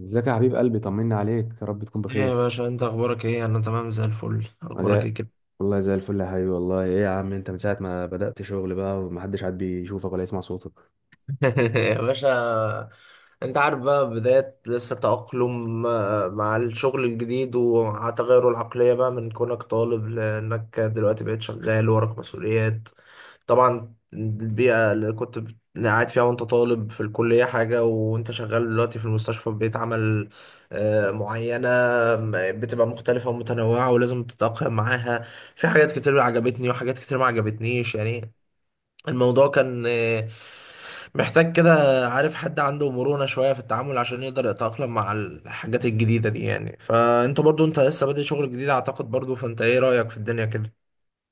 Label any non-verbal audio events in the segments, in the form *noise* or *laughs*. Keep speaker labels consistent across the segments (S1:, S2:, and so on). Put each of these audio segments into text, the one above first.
S1: ازيك يا حبيب قلبي؟ طمني عليك. يا رب تكون
S2: ايه يا
S1: بخير.
S2: باشا، انت اخبارك ايه؟ انا تمام زي الفل. اخبارك
S1: زي...
S2: ايه كده؟
S1: والله زي الفل يا حبيبي، والله. ايه يا عم، انت من ساعة ما بدأت شغل بقى، ومحدش عاد بيشوفك ولا يسمع صوتك.
S2: *laughs* يا باشا، انت عارف بقى، بداية لسه تأقلم مع الشغل الجديد ومع تغير العقلية بقى من كونك طالب، لأنك دلوقتي بقيت شغال وراك مسؤوليات. طبعا البيئة اللي اللي قاعد فيها وانت طالب في الكلية حاجة، وانت شغال دلوقتي في المستشفى ببيئة عمل معينة. بتبقى مختلفة ومتنوعة، ولازم تتأقلم معاها. في حاجات كتير عجبتني وحاجات كتير ما عجبتنيش يعني. الموضوع كان محتاج كده. عارف، حد عنده مرونة شوية في التعامل، عشان يقدر يتأقلم مع الحاجات الجديدة دي يعني. فانت برضو انت لسه بادئ شغل جديد اعتقد، برضو فانت ايه رأيك في الدنيا كده؟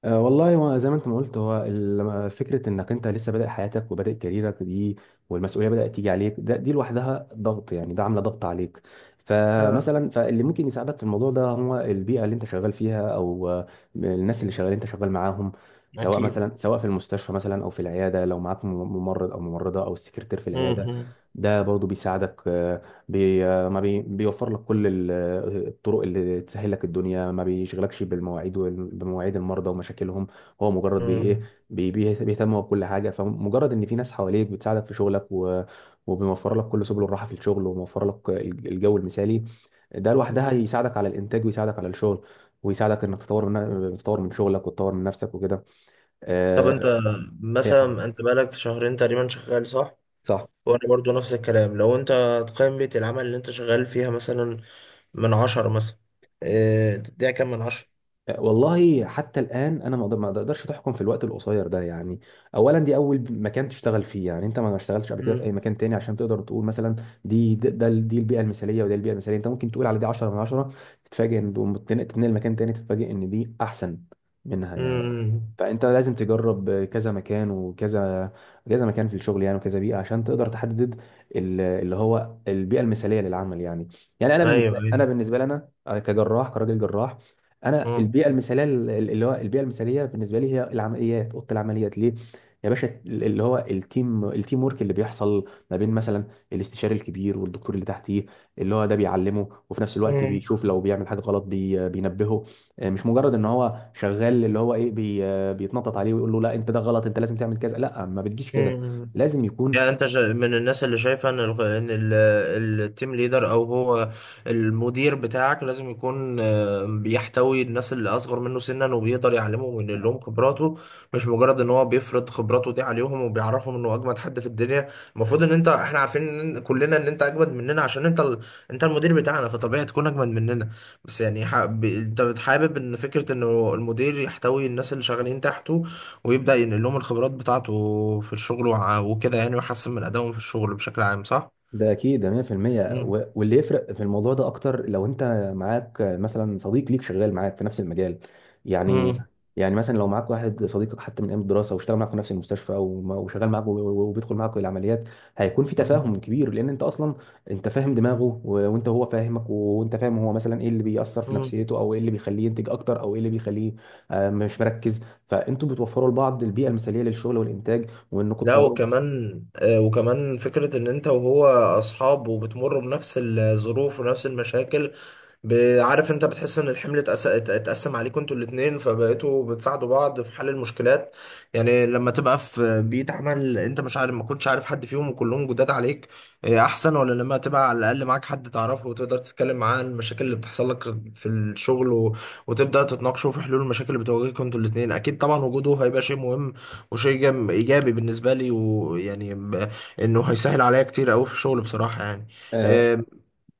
S1: أه، والله، هو زي ما انت ما قلت، هو لما فكره انك انت لسه بادئ حياتك وبادئ كاريرك دي، والمسؤوليه بدات تيجي عليك، دي لوحدها ضغط، يعني ده عامله ضغط عليك.
S2: اه.
S1: فمثلا، فاللي ممكن يساعدك في الموضوع ده هو البيئه اللي انت شغال فيها، او الناس اللي شغال انت شغال معاهم، سواء،
S2: اكيد.
S1: مثلا، في المستشفى، مثلا، او في العياده، لو معاك ممرض او ممرضه او السكرتير في العياده،
S2: امم.
S1: ده برضه بيساعدك. بي ما بي بيوفر لك كل الطرق اللي تسهل لك الدنيا، ما بيشغلكش بالمواعيد بمواعيد المرضى ومشاكلهم. هو مجرد بي ايه،
S2: مم.
S1: بيهتم بكل حاجه. فمجرد ان في ناس حواليك بتساعدك في شغلك، وبيوفر لك كل سبل الراحه في الشغل، وموفر لك الجو المثالي، ده لوحدها يساعدك على الانتاج، ويساعدك على الشغل، ويساعدك انك تطور من شغلك، وتطور من نفسك وكده.
S2: طب انت،
S1: آه، ايه يا حبيبي.
S2: مثلا انت بقالك شهرين تقريبا شغال، صح؟
S1: صح.
S2: وانا برضو نفس الكلام. لو انت تقيم بيئة العمل اللي انت شغال فيها مثلا، من عشرة مثلا، اه تديها كام من عشرة؟
S1: والله، حتى الآن أنا ما أقدرش تحكم في الوقت القصير ده. يعني أولا دي أول مكان تشتغل فيه، يعني أنت ما اشتغلتش قبل كده في أي
S2: امم.
S1: مكان تاني عشان تقدر تقول مثلا دي البيئة المثالية، وده البيئة المثالية. أنت ممكن تقول على دي 10 من 10، تتفاجئ إن تتنقل مكان تاني، تتفاجئ إن دي أحسن منها، يعني.
S2: امم.
S1: فأنت لازم تجرب كذا مكان، كذا مكان في الشغل، يعني، وكذا بيئة عشان تقدر تحدد اللي هو البيئة المثالية للعمل، يعني. يعني
S2: ايوه،
S1: أنا
S2: ايوه.
S1: بالنسبة لنا كراجل جراح. انا البيئه المثاليه، اللي هو البيئه المثاليه بالنسبه لي هي اوضه العمليات، ليه يا باشا؟ اللي هو التيم ورك اللي بيحصل ما بين، مثلا، الاستشاري الكبير والدكتور اللي تحتيه، اللي هو ده بيعلمه، وفي نفس الوقت
S2: مم.
S1: بيشوف لو بيعمل حاجه غلط بينبهه. آه، مش مجرد ان هو شغال، اللي هو ايه، بيتنطط عليه ويقول له لا، انت ده غلط، انت لازم تعمل كذا. لا، ما بتجيش كده،
S2: مم.
S1: لازم يكون.
S2: يعني انت من الناس اللي شايفه ان التيم ليدر، او هو المدير بتاعك، لازم يكون بيحتوي الناس اللي اصغر منه سنا، وبيقدر يعلمهم وينقل لهم خبراته. مش مجرد ان هو بيفرض خبراته دي عليهم وبيعرفهم انه اجمد حد في الدنيا. المفروض ان انت، احنا عارفين ان كلنا ان انت اجمد مننا عشان انت انت المدير بتاعنا، فطبيعي تكون اجمد مننا. بس يعني انت حابب ان فكره انه المدير يحتوي الناس اللي شغالين تحته، ويبدأ ينقل لهم الخبرات بتاعته في الشغل وكده يعني، ويحسن من أدائهم في الشغل بشكل عام، صح؟
S1: ده اكيد، ده 100%.
S2: مم.
S1: واللي يفرق في الموضوع ده اكتر لو انت معاك، مثلا، صديق ليك شغال معاك في نفس المجال، يعني.
S2: مم.
S1: يعني مثلا لو معاك واحد صديقك حتى من ايام الدراسه، واشتغل معاك في نفس المستشفى، وشغال معاك، وبيدخل معاك العمليات، هيكون في تفاهم كبير، لان انت اصلا انت فاهم دماغه، وانت هو فاهمك، وانت فاهم هو، مثلا، ايه اللي بيأثر في
S2: مم.
S1: نفسيته، او ايه اللي بيخليه ينتج اكتر، او ايه اللي بيخليه مش مركز. فانتوا بتوفروا لبعض البيئه المثاليه للشغل والانتاج، وانكم
S2: لا،
S1: تطوروا.
S2: وكمان وكمان فكرة ان انت وهو اصحاب، وبتمروا بنفس الظروف ونفس المشاكل. عارف انت بتحس ان الحمل اتقسم عليكم انتوا الاتنين، فبقيتوا بتساعدوا بعض في حل المشكلات. يعني لما تبقى في بيئة عمل انت مش عارف، ما كنتش عارف حد فيهم وكلهم جداد عليك، احسن ولا لما تبقى على الاقل معاك حد تعرفه وتقدر تتكلم معاه عن المشاكل اللي بتحصل لك في الشغل، وتبدأ تتناقشوا في حلول المشاكل اللي بتواجهكم انتوا الاتنين؟ اكيد طبعا، وجوده هيبقى شيء مهم وشيء ايجابي بالنسبه لي، ويعني انه هيسهل عليا كتير قوي في الشغل بصراحه يعني.
S1: آه،
S2: آم.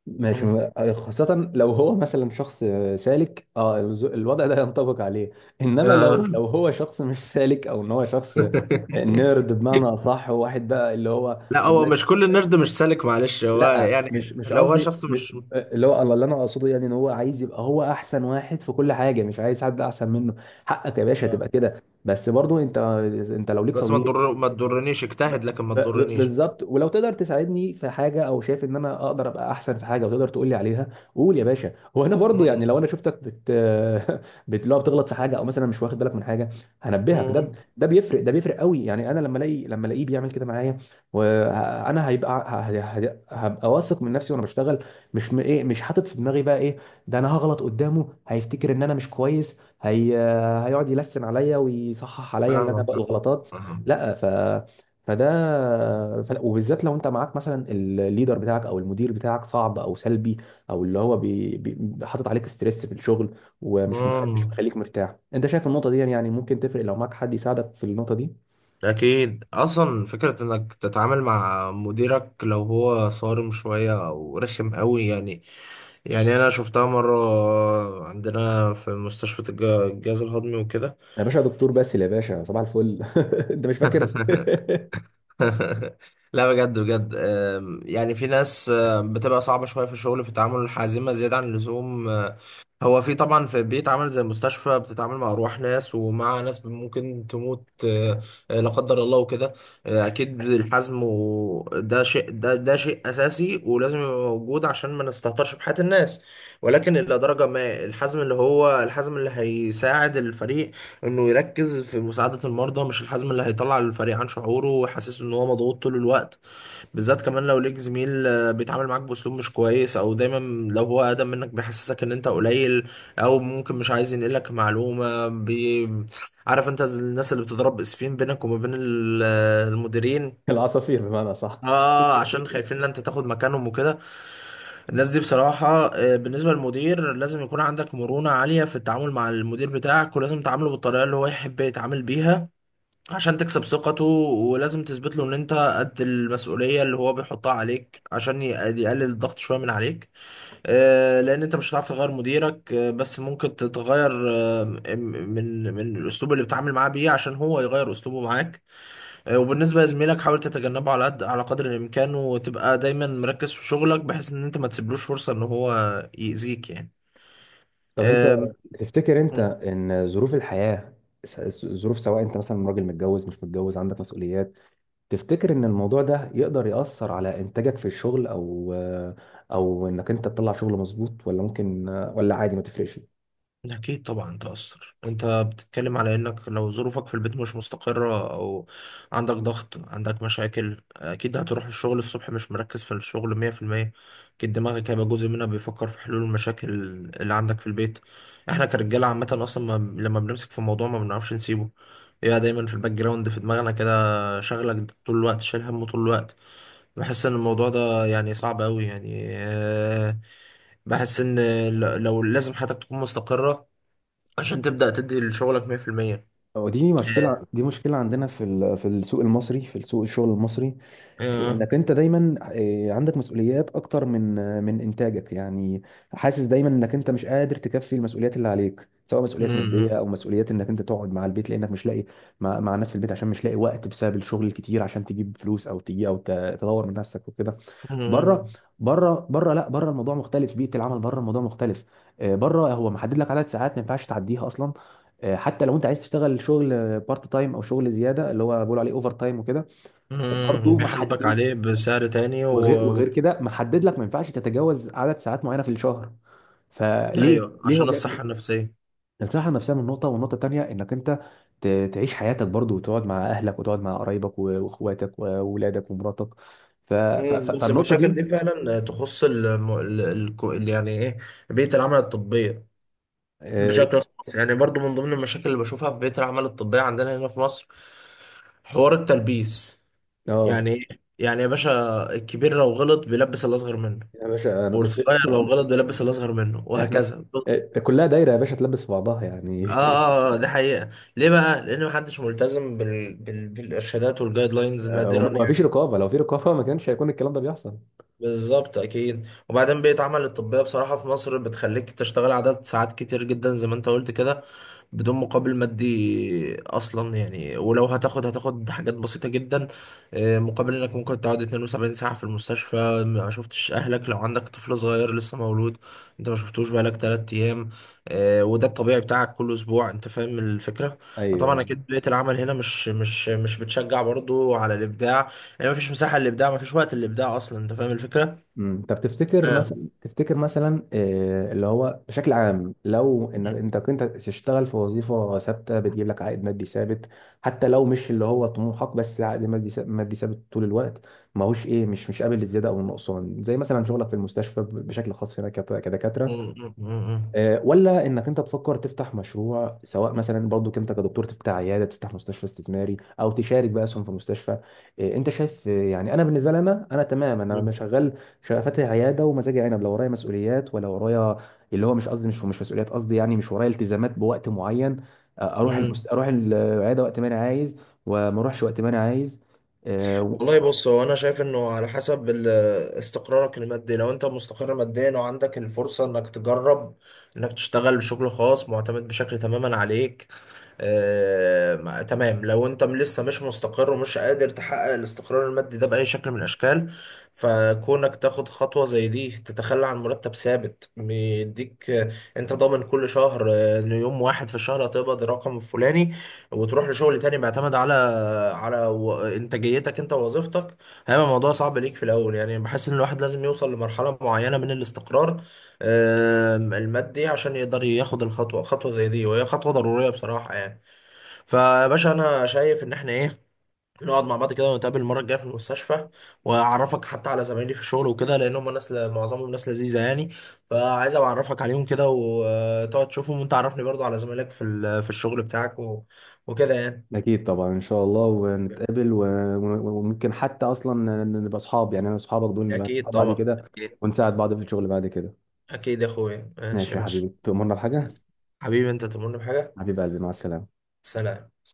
S1: ماشي. خاصة لو هو، مثلا، شخص سالك. اه، الوضع ده ينطبق عليه. انما
S2: آه.
S1: لو هو شخص مش سالك، او ان هو شخص
S2: *laughs*
S1: نيرد، بمعنى اصح، وواحد بقى اللي هو...
S2: لا،
S1: انا،
S2: هو
S1: لا.
S2: مش كل النرد مش سالك، معلش، هو
S1: لا،
S2: يعني
S1: مش
S2: لو هو
S1: قصدي
S2: شخص مش...
S1: اللي هو، اللي انا اقصده، يعني، ان هو عايز يبقى هو احسن واحد في كل حاجة، مش عايز حد احسن منه. حقك يا باشا تبقى
S2: آه.
S1: كده، بس برضو انت، لو ليك
S2: بس
S1: صديق
S2: ما تضرنيش،
S1: ب...
S2: اجتهد لكن ما تضرنيش.
S1: بالظبط، ولو تقدر تساعدني في حاجه، او شايف ان انا اقدر ابقى احسن في حاجه وتقدر تقول لي عليها، قول يا باشا. وانا برضو، يعني،
S2: مم.
S1: لو انا شفتك بت *laughs* بت لو بتغلط في حاجه، او مثلا مش واخد بالك من حاجه، هنبهك. ده
S2: مم.
S1: ده بيفرق قوي، يعني انا لما الاقيه بيعمل كده معايا، وانا هبقى واثق من نفسي وانا بشتغل. مش م... ايه مش حاطط في دماغي بقى ايه، ده انا هغلط قدامه هيفتكر ان انا مش كويس. هيقعد يلسن عليا ويصحح عليا اللي انا
S2: فاهمك.
S1: بقى الغلطات.
S2: مم.
S1: لا. فده وبالذات لو انت معاك، مثلا، الليدر بتاعك او المدير بتاعك صعب او سلبي، او اللي هو حاطط عليك ستريس في الشغل، ومش مخ... مش
S2: مم.
S1: مخليك مرتاح. انت شايف النقطه دي، يعني ممكن تفرق لو معاك حد يساعدك في النقطه دي.
S2: اكيد، اصلا فكره انك تتعامل مع مديرك لو هو صارم شويه او رخم قوي يعني. يعني انا شفتها مره عندنا في مستشفى الجهاز الهضمي وكده.
S1: يا باشا دكتور باسل، يا باشا صباح الفل. *laughs* انت مش فاكر؟
S2: *laughs*
S1: *laughs*
S2: *laughs* لا بجد بجد، يعني في ناس بتبقى صعبة شوية في الشغل، في التعامل، الحازمة زيادة عن اللزوم. هو في طبعا، في بيتعامل زي المستشفى، بتتعامل مع أرواح ناس ومع ناس ممكن تموت، لا قدر الله وكده. أكيد الحزم، وده شيء، ده شيء أساسي ولازم يبقى موجود عشان ما نستهترش بحياة الناس. ولكن إلى درجة ما، الحزم اللي هيساعد الفريق انه يركز في مساعدة المرضى، مش الحزم اللي هيطلع الفريق عن شعوره ويحسسه ان هو مضغوط طول الوقت. بالذات كمان لو ليك زميل بيتعامل معاك باسلوب مش كويس، او دايما لو هو اقدم منك بيحسسك ان انت قليل، او ممكن مش عايز ينقلك معلومة. عارف انت، زي الناس اللي بتضرب اسفين بينك وما بين المديرين،
S1: العصافير، بمعنى، صح.
S2: اه عشان خايفين ان انت تاخد مكانهم وكده. الناس دي بصراحة، بالنسبة للمدير، لازم يكون عندك مرونة عالية في التعامل مع المدير بتاعك، ولازم تعامله بالطريقة اللي هو يحب يتعامل بيها عشان تكسب ثقته، ولازم تثبت له ان انت قد المسؤوليه اللي هو بيحطها عليك عشان يقلل الضغط شويه من عليك. لان انت مش هتعرف تغير مديرك، بس ممكن تتغير من الاسلوب اللي بتتعامل معاه بيه، عشان هو يغير اسلوبه معاك. وبالنسبه لزميلك، حاول تتجنبه على قدر الامكان، وتبقى دايما مركز في شغلك بحيث ان انت ما تسيبلوش فرصه ان هو يأذيك يعني.
S1: طب انت، تفتكر انت
S2: آم.
S1: ان ظروف الحياه، ظروف، سواء انت، مثلا، راجل متجوز مش متجوز، عندك مسؤوليات، تفتكر ان الموضوع ده يقدر يأثر على انتاجك في الشغل، او انك انت تطلع شغل مظبوط، ولا ممكن، ولا عادي ما تفرقش؟
S2: أكيد طبعا تأثر. أنت بتتكلم على إنك لو ظروفك في البيت مش مستقرة، أو عندك ضغط، عندك مشاكل، أكيد هتروح الشغل الصبح مش مركز في الشغل مية في المية. أكيد دماغك هيبقى جزء منها بيفكر في حلول المشاكل اللي عندك في البيت. إحنا كرجالة عامة، أصلا ما لما بنمسك في موضوع ما بنعرفش نسيبه. بيبقى دايما في الباك جراوند في دماغنا كده، شغلك طول الوقت، شايل همه طول الوقت. بحس إن الموضوع ده يعني صعب أوي يعني. بحس ان لو، لازم حياتك تكون مستقرة عشان تبدأ تدي لشغلك 100%.
S1: ودي
S2: ياه.
S1: مشكلة، دي مشكلة عندنا في في السوق المصري، في السوق الشغل المصري.
S2: آه.
S1: انك انت دايما، آه، عندك مسؤوليات اكتر من انتاجك، يعني. حاسس دايما انك انت مش قادر تكفي المسؤوليات اللي عليك، سواء مسؤوليات ماديه،
S2: مم.
S1: او مسؤوليات انك انت تقعد مع البيت، لانك مش لاقي مع الناس في البيت، عشان مش لاقي وقت بسبب الشغل الكتير، عشان تجيب فلوس، او تجي تدور من نفسك وكده. بره.
S2: مم.
S1: بره بره، لا، بره الموضوع مختلف، بيئه العمل بره الموضوع مختلف. آه، بره هو محدد لك عدد ساعات ما ينفعش تعديها اصلا. آه، حتى لو انت عايز تشتغل شغل بارت تايم، او شغل زياده اللي هو بيقولوا عليه اوفر تايم وكده،
S2: مم.
S1: برضه
S2: بيحاسبك
S1: محدد.
S2: عليه بسعر تاني و...
S1: وغير كده محدد لك، ما ينفعش تتجاوز عدد ساعات معينه في الشهر.
S2: ايوه،
S1: ليه هو
S2: عشان
S1: بيعمل كده؟
S2: الصحة النفسية.
S1: الصحه النفسيه من نقطه، والنقطه الثانيه انك انت تعيش حياتك برضو، وتقعد مع اهلك، وتقعد مع قرايبك، واخواتك واولادك ومراتك.
S2: مم. بس
S1: فالنقطه
S2: المشاكل
S1: دي.
S2: دي فعلا تخص الم... ال... ال... ال- يعني ايه، بيئة العمل الطبية
S1: اه.
S2: بشكل خاص يعني. برضو من ضمن المشاكل اللي بشوفها في بيئة العمل الطبية عندنا هنا في مصر حوار التلبيس.
S1: آه،
S2: يعني ايه؟ يعني يا باشا، الكبير لو غلط بيلبس الأصغر منه،
S1: يا باشا، انا كنت...
S2: والصغير لو غلط بيلبس الأصغر منه،
S1: احنا،
S2: وهكذا.
S1: آه، كلها دايره يا باشا، تلبس في بعضها،
S2: اه،
S1: يعني.
S2: اه، ده حقيقة. ليه بقى؟ لان محدش ملتزم بالارشادات والجايد
S1: *laughs*
S2: لاينز
S1: آه،
S2: نادرا
S1: وما فيش
S2: يعني.
S1: رقابه، لو في رقابه ما كانش هيكون الكلام ده بيحصل.
S2: بالظبط، اكيد. وبعدين بيئة عمل الطبية بصراحة في مصر بتخليك تشتغل عدد ساعات كتير جدا زي ما انت قلت كده، بدون مقابل مادي اصلا يعني، ولو هتاخد حاجات بسيطة جدا. مقابل انك ممكن تقعد 72 ساعة في المستشفى ما شفتش اهلك، لو عندك طفل صغير لسه مولود انت ما شفتوش بقالك 3 ايام. وده الطبيعي بتاعك كل اسبوع، انت فاهم الفكرة.
S1: ايوه.
S2: طبعا اكيد بيئة العمل هنا مش بتشجع برضو على الابداع. يعني مفيش مساحة للإبداع، مفيش وقت للإبداع أصلا، أنت فاهم الفكرة؟
S1: طب
S2: آه.
S1: تفتكر مثلا آه، اللي هو بشكل عام، لو ان انت كنت تشتغل في وظيفه ثابته بتجيب لك عائد مادي ثابت، حتى لو مش اللي هو طموحك، بس عائد مادي مادي ثابت طول الوقت، ماهوش، ايه، مش قابل للزياده او النقصان، زي مثلا شغلك في المستشفى، بشكل خاص هنا كدكاتره. آه، ولا انك انت تفكر تفتح مشروع، سواء مثلا برضو انت كدكتور، تفتح عياده، تفتح مستشفى استثماري، او تشارك بقى اسهم في مستشفى. آه، انت شايف؟ آه، يعني انا بالنسبه لي، انا تمام، انا مش شغال. شغال فاتح عياده ومزاجي عنب، لو ورايا مسؤوليات، ولا ورايا، اللي هو مش قصدي، مش مسؤوليات، قصدي يعني مش ورايا التزامات بوقت معين. آه،
S2: مم.
S1: اروح العياده وقت ما انا عايز، وما اروحش وقت ما انا عايز. آه،
S2: والله بص، هو أنا شايف إنه على حسب استقرارك المادي. لو أنت مستقر ماديا وعندك الفرصة إنك تجرب إنك تشتغل بشغل خاص معتمد بشكل تماما عليك، تمام. لو انت لسه مش مستقر ومش قادر تحقق الاستقرار المادي ده بأي شكل من الأشكال، فكونك تاخد خطوة زي دي، تتخلى عن مرتب ثابت بيديك، انت ضامن كل شهر ان يوم واحد في الشهر هتقبض الرقم الفلاني، وتروح لشغل تاني بيعتمد على انتاجيتك انت ووظيفتك، هيبقى الموضوع صعب ليك في الاول يعني. بحس ان الواحد لازم يوصل لمرحلة معينة من الاستقرار المادي عشان يقدر ياخد خطوة زي دي، وهي خطوة ضرورية بصراحة يعني. فيا باشا، انا شايف ان احنا ايه، نقعد مع بعض كده، ونتقابل المره الجايه في المستشفى، واعرفك حتى على زمايلي في الشغل وكده، لان هم ناس معظمهم ناس لذيذه يعني. فعايز أبقى اعرفك عليهم كده وتقعد تشوفهم، وانت عرفني برضو على زمايلك في الشغل بتاعك وكده يعني.
S1: أكيد طبعا إن شاء الله، ونتقابل، وممكن حتى أصلا نبقى أصحاب، يعني أنا وأصحابك دول نبقى
S2: اكيد
S1: أصحاب بعد
S2: طبعا.
S1: كده،
S2: اكيد.
S1: ونساعد بعض في الشغل بعد كده.
S2: أكيد يا اخويا. ماشي
S1: ماشي
S2: يا
S1: يا
S2: باشا.
S1: حبيبي، تؤمرنا بحاجة؟
S2: حبيبي انت تمرني بحاجه.
S1: حبيب قلبي، مع السلامة.
S2: سلام.